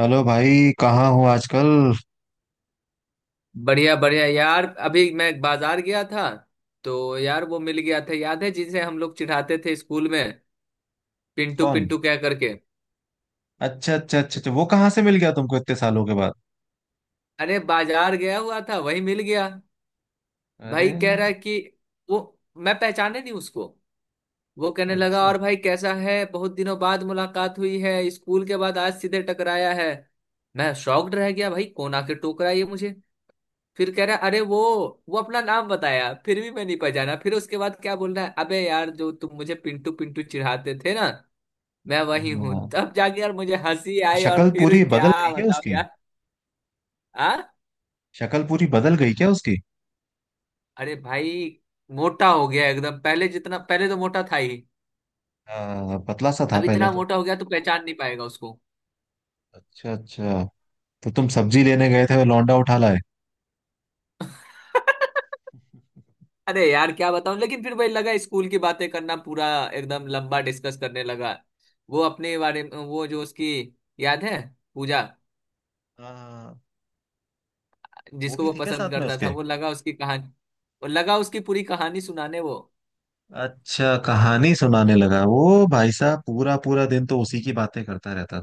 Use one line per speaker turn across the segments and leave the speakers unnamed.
Hello भाई, कहाँ हो आजकल।
बढ़िया बढ़िया यार, अभी मैं बाजार गया था। तो यार वो मिल गया था, याद है जिसे हम लोग चिढ़ाते थे स्कूल में, पिंटू
कौन?
पिंटू क्या करके।
अच्छा अच्छा अच्छा अच्छा, वो कहाँ से मिल गया तुमको इतने सालों के बाद।
अरे बाजार गया हुआ था, वही मिल गया।
अरे।
भाई कह रहा है कि वो मैं पहचाने नहीं उसको। वो कहने लगा
अच्छा।
और भाई कैसा है, बहुत दिनों बाद मुलाकात हुई है, स्कूल के बाद आज सीधे टकराया है। मैं शॉक्ड रह गया, भाई कौन आके टोकरा ये मुझे। फिर कह रहा, अरे वो अपना नाम बताया, फिर भी मैं नहीं पहचाना। फिर उसके बाद क्या बोल रहा है, अबे यार जो तुम मुझे पिंटू पिंटू चिढ़ाते थे ना, मैं वही हूँ।
हाँ।
तब जाके यार मुझे हंसी आई। और
शक्ल
फिर
पूरी बदल
क्या
गई क्या
बताओ
उसकी?
यार। आ?
शक्ल पूरी बदल गई क्या उसकी?
अरे भाई, मोटा हो गया एकदम। पहले जितना पहले तो मोटा था ही,
हाँ, पतला सा था
अब
पहले
इतना
तो।
मोटा हो गया तो पहचान नहीं पाएगा उसको।
अच्छा अच्छा। तो तुम सब्जी लेने गए थे लौंडा उठा लाए।
अरे यार क्या बताऊं, लेकिन फिर वही लगा, स्कूल की बातें करना पूरा एकदम लंबा डिस्कस करने लगा। वो अपने बारे में, वो जो उसकी, याद है, पूजा,
हाँ, वो
जिसको
भी
वो
थी क्या
पसंद
साथ में
करता
उसके?
था, वो लगा उसकी कहानी। वो लगा उसकी पूरी कहानी सुनाने वो।
अच्छा, कहानी सुनाने लगा वो भाई साहब। पूरा पूरा दिन तो उसी की बातें करता रहता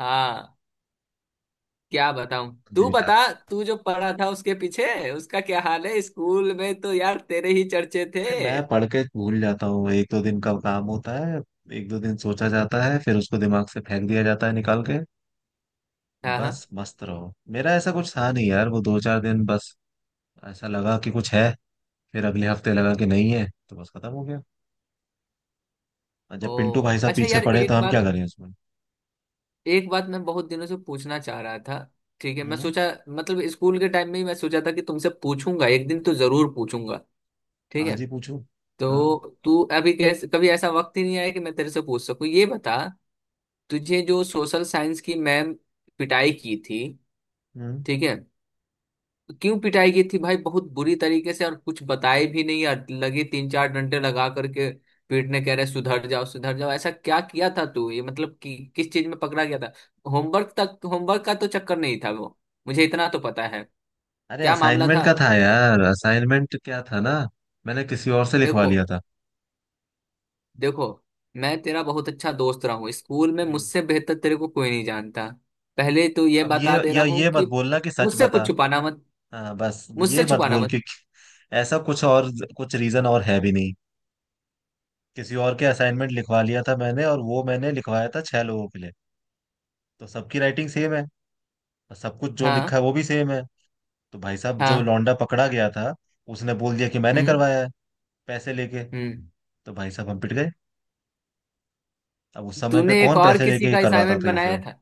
हाँ, क्या बताऊं, तू
था।
बता। तू जो पढ़ा था उसके पीछे उसका क्या हाल है, स्कूल में तो यार तेरे ही चर्चे थे।
अरे, मैं पढ़ के भूल जाता हूँ। एक दो दिन का काम होता है। एक दो दिन सोचा जाता है फिर उसको दिमाग से फेंक दिया जाता है निकाल के।
हाँ, हाँ।
बस मस्त रहो। मेरा ऐसा कुछ था नहीं यार। वो दो चार दिन बस ऐसा लगा कि कुछ है, फिर अगले हफ्ते लगा कि नहीं है तो बस खत्म हो गया। और
ओ
जब पिंटू भाई साहब
अच्छा
पीछे
यार,
पड़े तो
एक
हम क्या
बात,
करें उसमें।
एक बात मैं बहुत दिनों से पूछना चाह रहा था, ठीक है, मैं
हम्म।
सोचा, मतलब स्कूल के टाइम में ही मैं सोचा था कि तुमसे पूछूंगा, एक दिन तो जरूर पूछूंगा, ठीक है।
आज ही पूछूं। हाँ।
तो तू अभी कैसे, कभी ऐसा वक्त ही नहीं आया कि मैं तेरे से पूछ सकूं, ये बता। तुझे जो सोशल साइंस की मैम पिटाई की थी,
हम्म।
ठीक है, क्यों पिटाई की थी भाई, बहुत बुरी तरीके से, और कुछ बताए भी नहीं यार, लगे तीन चार डंडे लगा करके पीटने, कह रहे सुधर जाओ सुधर जाओ, ऐसा क्या किया था तू ये, मतलब कि किस चीज में पकड़ा गया था? होमवर्क का तो चक्कर नहीं था वो, मुझे इतना तो पता है।
अरे
क्या मामला
असाइनमेंट
था?
का था यार। असाइनमेंट क्या था ना, मैंने किसी और से लिखवा
देखो,
लिया था।
देखो, मैं तेरा बहुत अच्छा दोस्त रहा हूँ स्कूल में,
हम्म।
मुझसे बेहतर तेरे को कोई नहीं जानता। पहले तो ये
अब ये
बता दे
या
रहा हूँ
ये मत
कि
बोलना कि सच
मुझसे
बता।
कुछ छुपाना मत,
हाँ, बस
मुझसे
ये मत
छुपाना
बोल के।
मत।
ऐसा कुछ और कुछ रीजन और है भी नहीं। किसी और के असाइनमेंट लिखवा लिया था मैंने, और वो मैंने लिखवाया था छह लोगों के लिए। तो सबकी राइटिंग सेम है, और सब कुछ जो लिखा
हाँ,
है वो भी सेम है। तो भाई साहब, जो
हाँ।
लौंडा पकड़ा गया था, उसने बोल दिया कि मैंने
हम्म,
करवाया है, पैसे लेके।
हम्म।
तो भाई साहब हम पिट गए। अब उस समय पे
तूने एक
कौन
और
पैसे
किसी
लेके ये
का
करवाता
असाइनमेंट
था ये
बनाया
सब।
था?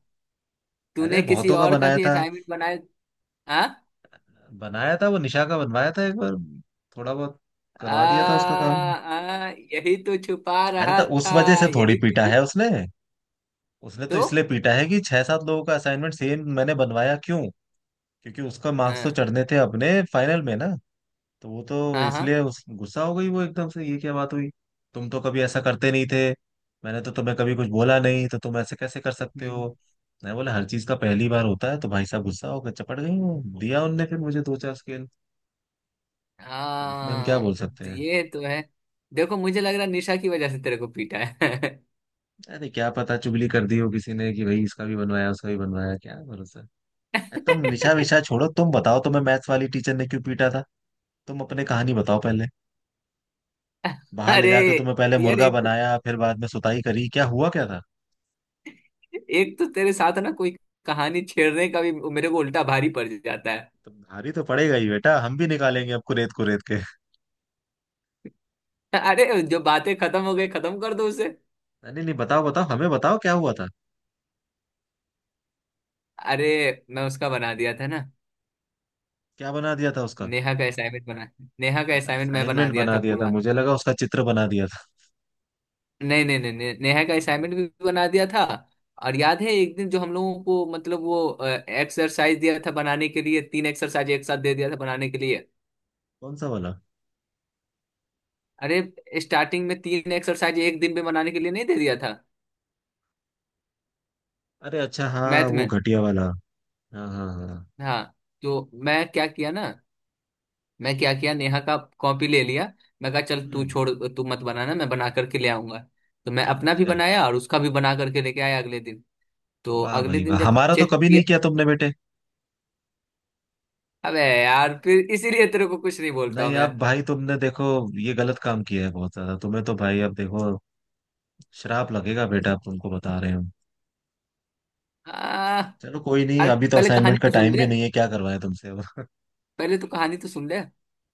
अरे
तूने किसी
बहुतों का
और का
बनाया
भी
था।
असाइनमेंट बनाया? हाँ।
बनाया था, वो निशा का बनवाया था एक बार। थोड़ा बहुत
आ,
करवा दिया था उसका काम।
आ, यही तो छुपा
अरे तो
रहा
उस
था,
वजह से थोड़ी पीटा है उसने। उसने तो
तो,
इसलिए पीटा है कि छह सात लोगों का असाइनमेंट सेम मैंने बनवाया क्यों। क्योंकि उसका मार्क्स तो
हाँ,
चढ़ने थे अपने फाइनल में ना। तो वो तो
हाँ, हाँ,
इसलिए उस गुस्सा हो गई वो एकदम से, ये क्या बात हुई, तुम तो कभी ऐसा करते नहीं थे, मैंने तो तुम्हें कभी कुछ बोला नहीं, तो तुम ऐसे कैसे कर सकते
हम्म,
हो। मैं बोला हर चीज का पहली बार होता है। तो भाई साहब गुस्सा होकर चपट गई हूँ दिया उनने फिर मुझे दो चार स्केल। अब इसमें हम क्या बोल
हाँ,
सकते
तो
हैं।
ये तो है। देखो मुझे लग रहा है निशा की वजह से तेरे को पीटा है।
अरे क्या पता चुगली कर दी हो किसी ने कि भाई इसका भी बनवाया उसका भी बनवाया, क्या भरोसा। तुम निशा विशा छोड़ो, तुम बताओ, तुम्हें मैथ्स वाली टीचर ने क्यों पीटा था। तुम अपने कहानी बताओ पहले। बाहर ले
अरे
जाकर तुम्हें पहले
यार,
मुर्गा
एक,
बनाया फिर बाद में सुताई करी, क्या हुआ क्या था।
एक तो तेरे साथ ना कोई कहानी छेड़ने का भी मेरे को उल्टा भारी पड़ जाता है।
तुम भारी तो पड़ेगा ही बेटा, हम भी निकालेंगे आपको रेत को रेत के।
अरे जो बातें खत्म हो गई, खत्म कर दो उसे।
नहीं नहीं, बताओ बताओ, हमें बताओ क्या हुआ था।
अरे मैं उसका बना दिया था ना,
क्या बना दिया था उसका?
नेहा का असाइनमेंट बना नेहा का
अच्छा,
असाइनमेंट मैं बना
असाइनमेंट
दिया
बना
था
दिया था।
पूरा।
मुझे लगा उसका चित्र बना दिया था।
नहीं, नहीं, नहीं, नहीं, नेहा का
हम्म।
असाइनमेंट भी बना दिया था। और याद है एक दिन जो हम लोगों को, मतलब वो एक्सरसाइज दिया था बनाने के लिए, तीन एक्सरसाइज एक साथ दे दिया था बनाने के लिए।
कौन सा वाला?
अरे स्टार्टिंग में तीन एक्सरसाइज एक दिन में बनाने के लिए नहीं दे दिया था?
अरे अच्छा, हाँ,
मैथ
वो
में।
घटिया वाला। हाँ हाँ हाँ।
हाँ। तो मैं क्या किया, नेहा का कॉपी ले लिया। मैं कहा चल तू
हम्म।
छोड़, तू मत बनाना, मैं बना करके ले आऊंगा। तो मैं अपना भी
अच्छा।
बनाया और उसका भी बना करके लेके आया अगले दिन। तो
वाह
अगले
भाई
दिन
वाह,
जब
हमारा तो
चेक
कभी नहीं
किया,
किया तुमने बेटे।
अबे यार, फिर इसीलिए तेरे को कुछ नहीं बोलता हूं
नहीं,
मैं।
अब भाई तुमने देखो, ये गलत काम किया है बहुत ज्यादा तुम्हें तो भाई। अब देखो, श्राप लगेगा बेटा, अब तुमको बता रहे हो।
आ,
चलो कोई नहीं,
अरे
अभी तो
पहले कहानी
असाइनमेंट का
तो सुन
टाइम
ले,
भी नहीं है, क्या करवाएं तुमसे अब।
पहले तो कहानी तो सुन ले।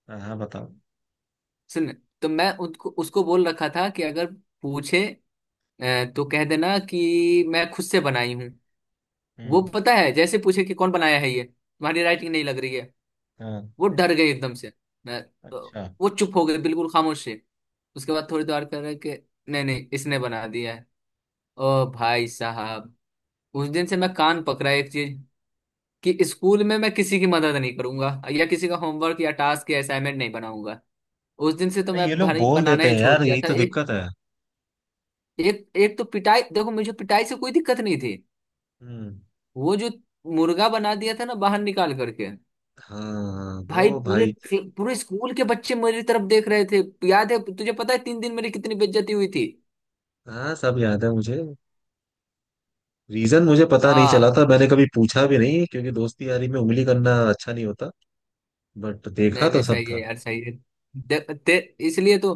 हाँ हाँ, बताओ।
सुन, तो मैं उसको उसको बोल रखा था कि अगर पूछे तो कह देना कि मैं खुद से बनाई हूँ। वो,
हम्म।
पता है, जैसे पूछे कि कौन बनाया है, ये तुम्हारी राइटिंग नहीं लग रही है,
हाँ।
वो डर गए एकदम से। मैं तो
अच्छा।
वो चुप हो गए, बिल्कुल खामोश है। उसके बाद थोड़ी देर कर रहे कि नहीं, नहीं, इसने बना दिया है। ओ भाई साहब, उस दिन से मैं कान पकड़ा एक चीज, कि स्कूल में मैं किसी की मदद नहीं करूंगा, या किसी का होमवर्क या टास्क या असाइनमेंट नहीं बनाऊंगा। उस दिन से तो
अरे
मैं
ये लोग
भाई
बोल
बनाना
देते
ही
हैं
छोड़
यार,
दिया
यही
था।
तो
एक
दिक्कत है।
एक एक तो पिटाई, देखो, मुझे पिटाई से कोई दिक्कत नहीं थी,
हम्म।
वो जो मुर्गा बना दिया था ना बाहर निकाल करके,
हाँ,
भाई
वो भाई।
पूरे स्कूल के बच्चे मेरी तरफ देख रहे थे। याद है तुझे, पता है 3 दिन मेरी कितनी बेइज्जती हुई थी।
हाँ, सब याद है मुझे। रीजन मुझे पता नहीं चला
हाँ,
था, मैंने कभी पूछा भी नहीं क्योंकि दोस्ती यारी में उंगली करना अच्छा नहीं होता। बट
नहीं,
देखा
नहीं,
तो सब
सही है
था।
यार, सही है। दे, ते, इसलिए तो,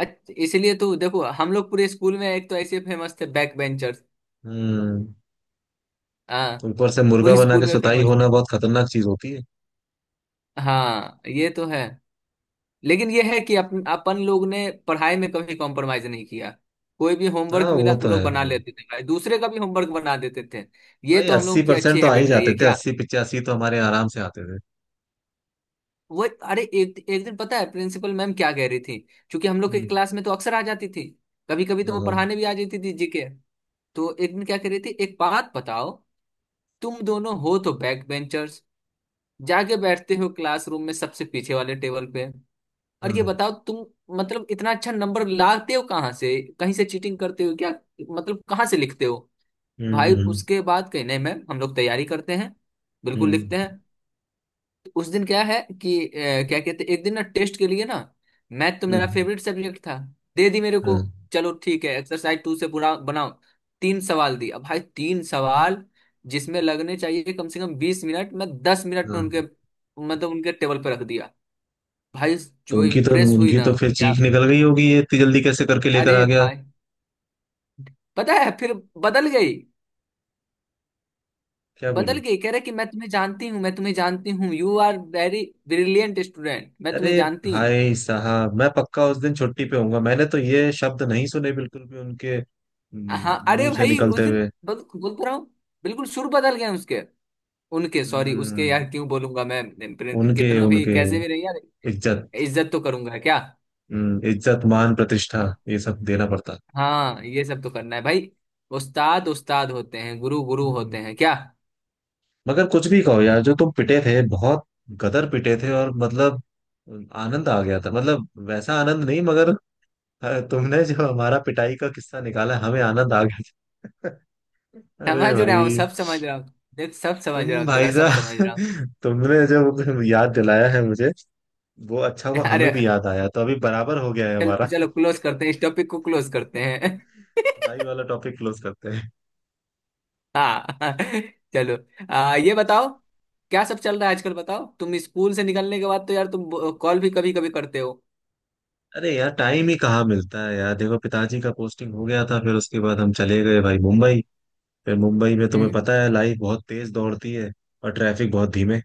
इसलिए तो देखो, हम लोग पूरे स्कूल में एक तो ऐसे फेमस थे, बैक बेंचर्स।
हम्म।
हाँ।
ऊपर से मुर्गा
पूरे
बना
स्कूल
के
में
सुताई
फेमस
होना
थे।
बहुत खतरनाक चीज होती है।
हाँ, ये तो है। लेकिन ये है कि अपन अपन लोग ने पढ़ाई में कभी कॉम्प्रोमाइज नहीं किया। कोई भी
हाँ
होमवर्क
वो
मिला,
तो
हम लोग
है
बना
भाई।
लेते थे भाई, दूसरे का भी होमवर्क बना देते थे। ये
भाई
तो हम
अस्सी
लोग की
परसेंट
अच्छी
तो आ ही
हैबिट रही
जाते
है
थे,
क्या।
80-85 तो हमारे आराम से आते थे।
वो अरे एक एक दिन पता है प्रिंसिपल मैम क्या कह रही थी, क्योंकि हम लोग के
हम्म।
क्लास में तो अक्सर आ जाती थी, कभी कभी तो
हाँ
वो
हाँ
पढ़ाने भी आ जाती थी जीके। तो एक दिन क्या कह रही थी, एक बात बताओ, तुम दोनों हो तो बैक बेंचर्स, जाके बैठते हो क्लासरूम में सबसे पीछे वाले टेबल पे, और ये
हाँ,
बताओ तुम, मतलब इतना अच्छा नंबर लाते हो कहाँ से, कहीं से चीटिंग करते हो क्या, मतलब कहाँ से लिखते हो?
हम्म।
भाई
हम्म।
उसके बाद, कहीं नहीं मैम, हम लोग तैयारी करते हैं, बिल्कुल लिखते
हम्म।
हैं। उस दिन क्या है कि क्या कहते, एक दिन ना टेस्ट के लिए ना, मैथ तो मेरा
हम्म,
फेवरेट सब्जेक्ट था, दे दी मेरे को।
हाँ।
चलो ठीक है, एक्सरसाइज टू से पूरा बनाओ। तीन सवाल दी। अब भाई तीन सवाल, जिसमें लगने चाहिए कम से कम 20 मिनट, मैं 10 मिनट
हाँ।
में उनके, मतलब उनके टेबल पे रख दिया। भाई,
तो
जो
उनकी तो
इम्प्रेस हुई
उनकी
ना,
तो फिर
क्या।
चीख निकल गई होगी, ये इतनी जल्दी कैसे करके लेकर आ
अरे
गया।
भाई, पता है फिर बदल गई।
क्या
बदल
बोली?
गई, कह रहे कि मैं तुम्हें जानती हूँ, मैं तुम्हें जानती हूँ, you are very brilliant student, मैं तुम्हें
अरे
जानती हूँ।
भाई साहब, मैं पक्का उस दिन छुट्टी पे होऊंगा, मैंने तो ये शब्द नहीं सुने बिल्कुल भी उनके
हाँ, अरे
मुंह से
भाई उस
निकलते
दिन,
हुए।
बोल बोल तो रहा हूँ, बिल्कुल सुर बदल गए उसके, उनके, सॉरी उसके, यार
हम्म।
क्यों बोलूंगा मैं
उनके
कितना भी
उनके
कैसे भी रही यार,
इज्जत।
इज्जत तो करूंगा क्या।
इज्जत मान प्रतिष्ठा,
हाँ,
ये सब देना पड़ता।
हाँ, ये सब तो करना है भाई। उस्ताद उस्ताद होते हैं, गुरु गुरु होते
हम्म।
हैं क्या।
मगर कुछ भी कहो यार, जो तुम पिटे थे बहुत। गदर पिटे थे, और मतलब आनंद आ गया था, मतलब वैसा आनंद नहीं, मगर तुमने जो हमारा पिटाई का किस्सा निकाला, हमें आनंद आ गया था। अरे
समझ रहा हूँ,
भाई,
सब समझ रहा हूँ। देख, सब समझ रहा
तुम
हूँ
भाई
तेरा, सब समझ
साहब,
रहा हूँ।
तुमने जो याद दिलाया है मुझे, वो अच्छा हुआ, हमें
अरे,
भी याद आया, तो अभी बराबर हो गया है
चलो
हमारा।
चलो, क्लोज करते हैं, इस टॉपिक को क्लोज करते हैं।
सफाई वाला टॉपिक क्लोज करते हैं।
हाँ। चलो, ये बताओ, क्या सब चल रहा है आजकल, बताओ। तुम स्कूल से निकलने के बाद तो यार, तुम कॉल भी कभी कभी करते हो।
अरे यार, टाइम ही कहाँ मिलता है यार। देखो पिताजी का पोस्टिंग हो गया था, फिर उसके बाद हम चले गए भाई मुंबई। फिर मुंबई में तुम्हें
हम्म।
पता है, लाइफ बहुत तेज दौड़ती है और ट्रैफिक बहुत धीमे।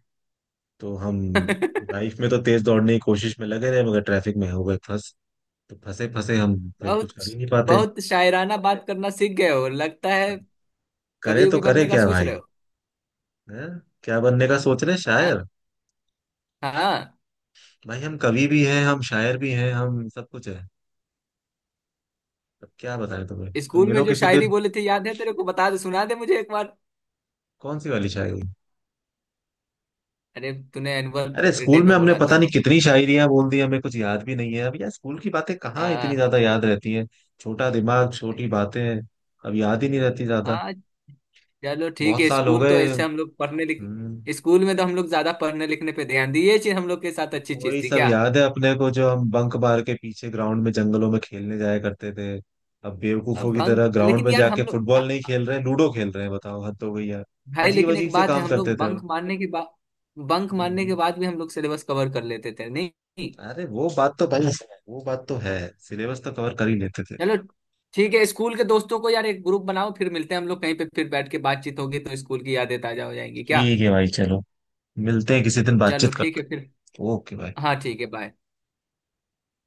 तो हम लाइफ में तो तेज दौड़ने की कोशिश में लगे रहे, मगर ट्रैफिक में हो गए फंस। तो फंसे फंसे हम फिर कुछ
बहुत
कर ही नहीं पाते।
बहुत शायराना बात करना सीख गए हो लगता है।
करे
कभी
तो
भी
करे
बनने का
क्या
सोच
भाई।
रहे हो?
हैं? क्या बनने का सोच रहे हैं?
हाँ।
शायर?
हाँ।
भाई हम कवि भी हैं, हम शायर भी हैं, हम सब कुछ है। अब क्या बताएं तुम्हें, तुम
स्कूल में
मिलो
जो
किसी
शायरी
दिन।
बोले थे, याद है तेरे को, बता दे, सुना दे मुझे एक बार।
कौन सी वाली शायरी?
अरे तूने एनुअल
अरे
डे
स्कूल में
पे
हमने
बोला था
पता नहीं कितनी शायरियां बोल दी, हमें कुछ याद भी नहीं है अब यार। स्कूल की बातें कहाँ इतनी
हाँ।
ज्यादा याद रहती हैं। छोटा दिमाग छोटी बातें, अब याद ही नहीं रहती ज्यादा।
हाँ। चलो ठीक
बहुत
है,
साल हो
स्कूल तो
गए।
ऐसे हम लोग पढ़ने लिख,
हम्म,
स्कूल में तो हम लोग ज्यादा पढ़ने लिखने पे ध्यान दिए, ये चीज हम लोग के साथ अच्छी
वही
चीज थी
सब
क्या।
याद है अपने को जो हम बंक मार के पीछे ग्राउंड में जंगलों में खेलने जाया करते थे। अब
अब
बेवकूफों की
बंक,
तरह ग्राउंड
लेकिन
में
यार
जाके
हम लोग
फुटबॉल नहीं खेल रहे, लूडो खेल रहे हैं, बताओ हद हो गई यार।
भाई
अजीब
लेकिन
अजीब
एक
से
बात है,
काम
हम
करते
लोग
थे हम।
बंक मारने
हम्म,
के बाद भी हम लोग सिलेबस कवर कर लेते थे, नहीं? नहीं।
अरे वो बात तो भाई वो बात तो है, सिलेबस तो कवर कर ही लेते थे।
चलो ठीक है, स्कूल के दोस्तों को यार एक ग्रुप बनाओ, फिर मिलते हैं हम लोग कहीं पे, फिर बैठ के बातचीत होगी तो स्कूल की यादें ताजा हो जाएंगी क्या।
ठीक है भाई चलो, मिलते हैं किसी दिन,
चलो,
बातचीत
ठीक
करते
है फिर।
हैं। ओके भाई।
हाँ, ठीक है, बाय।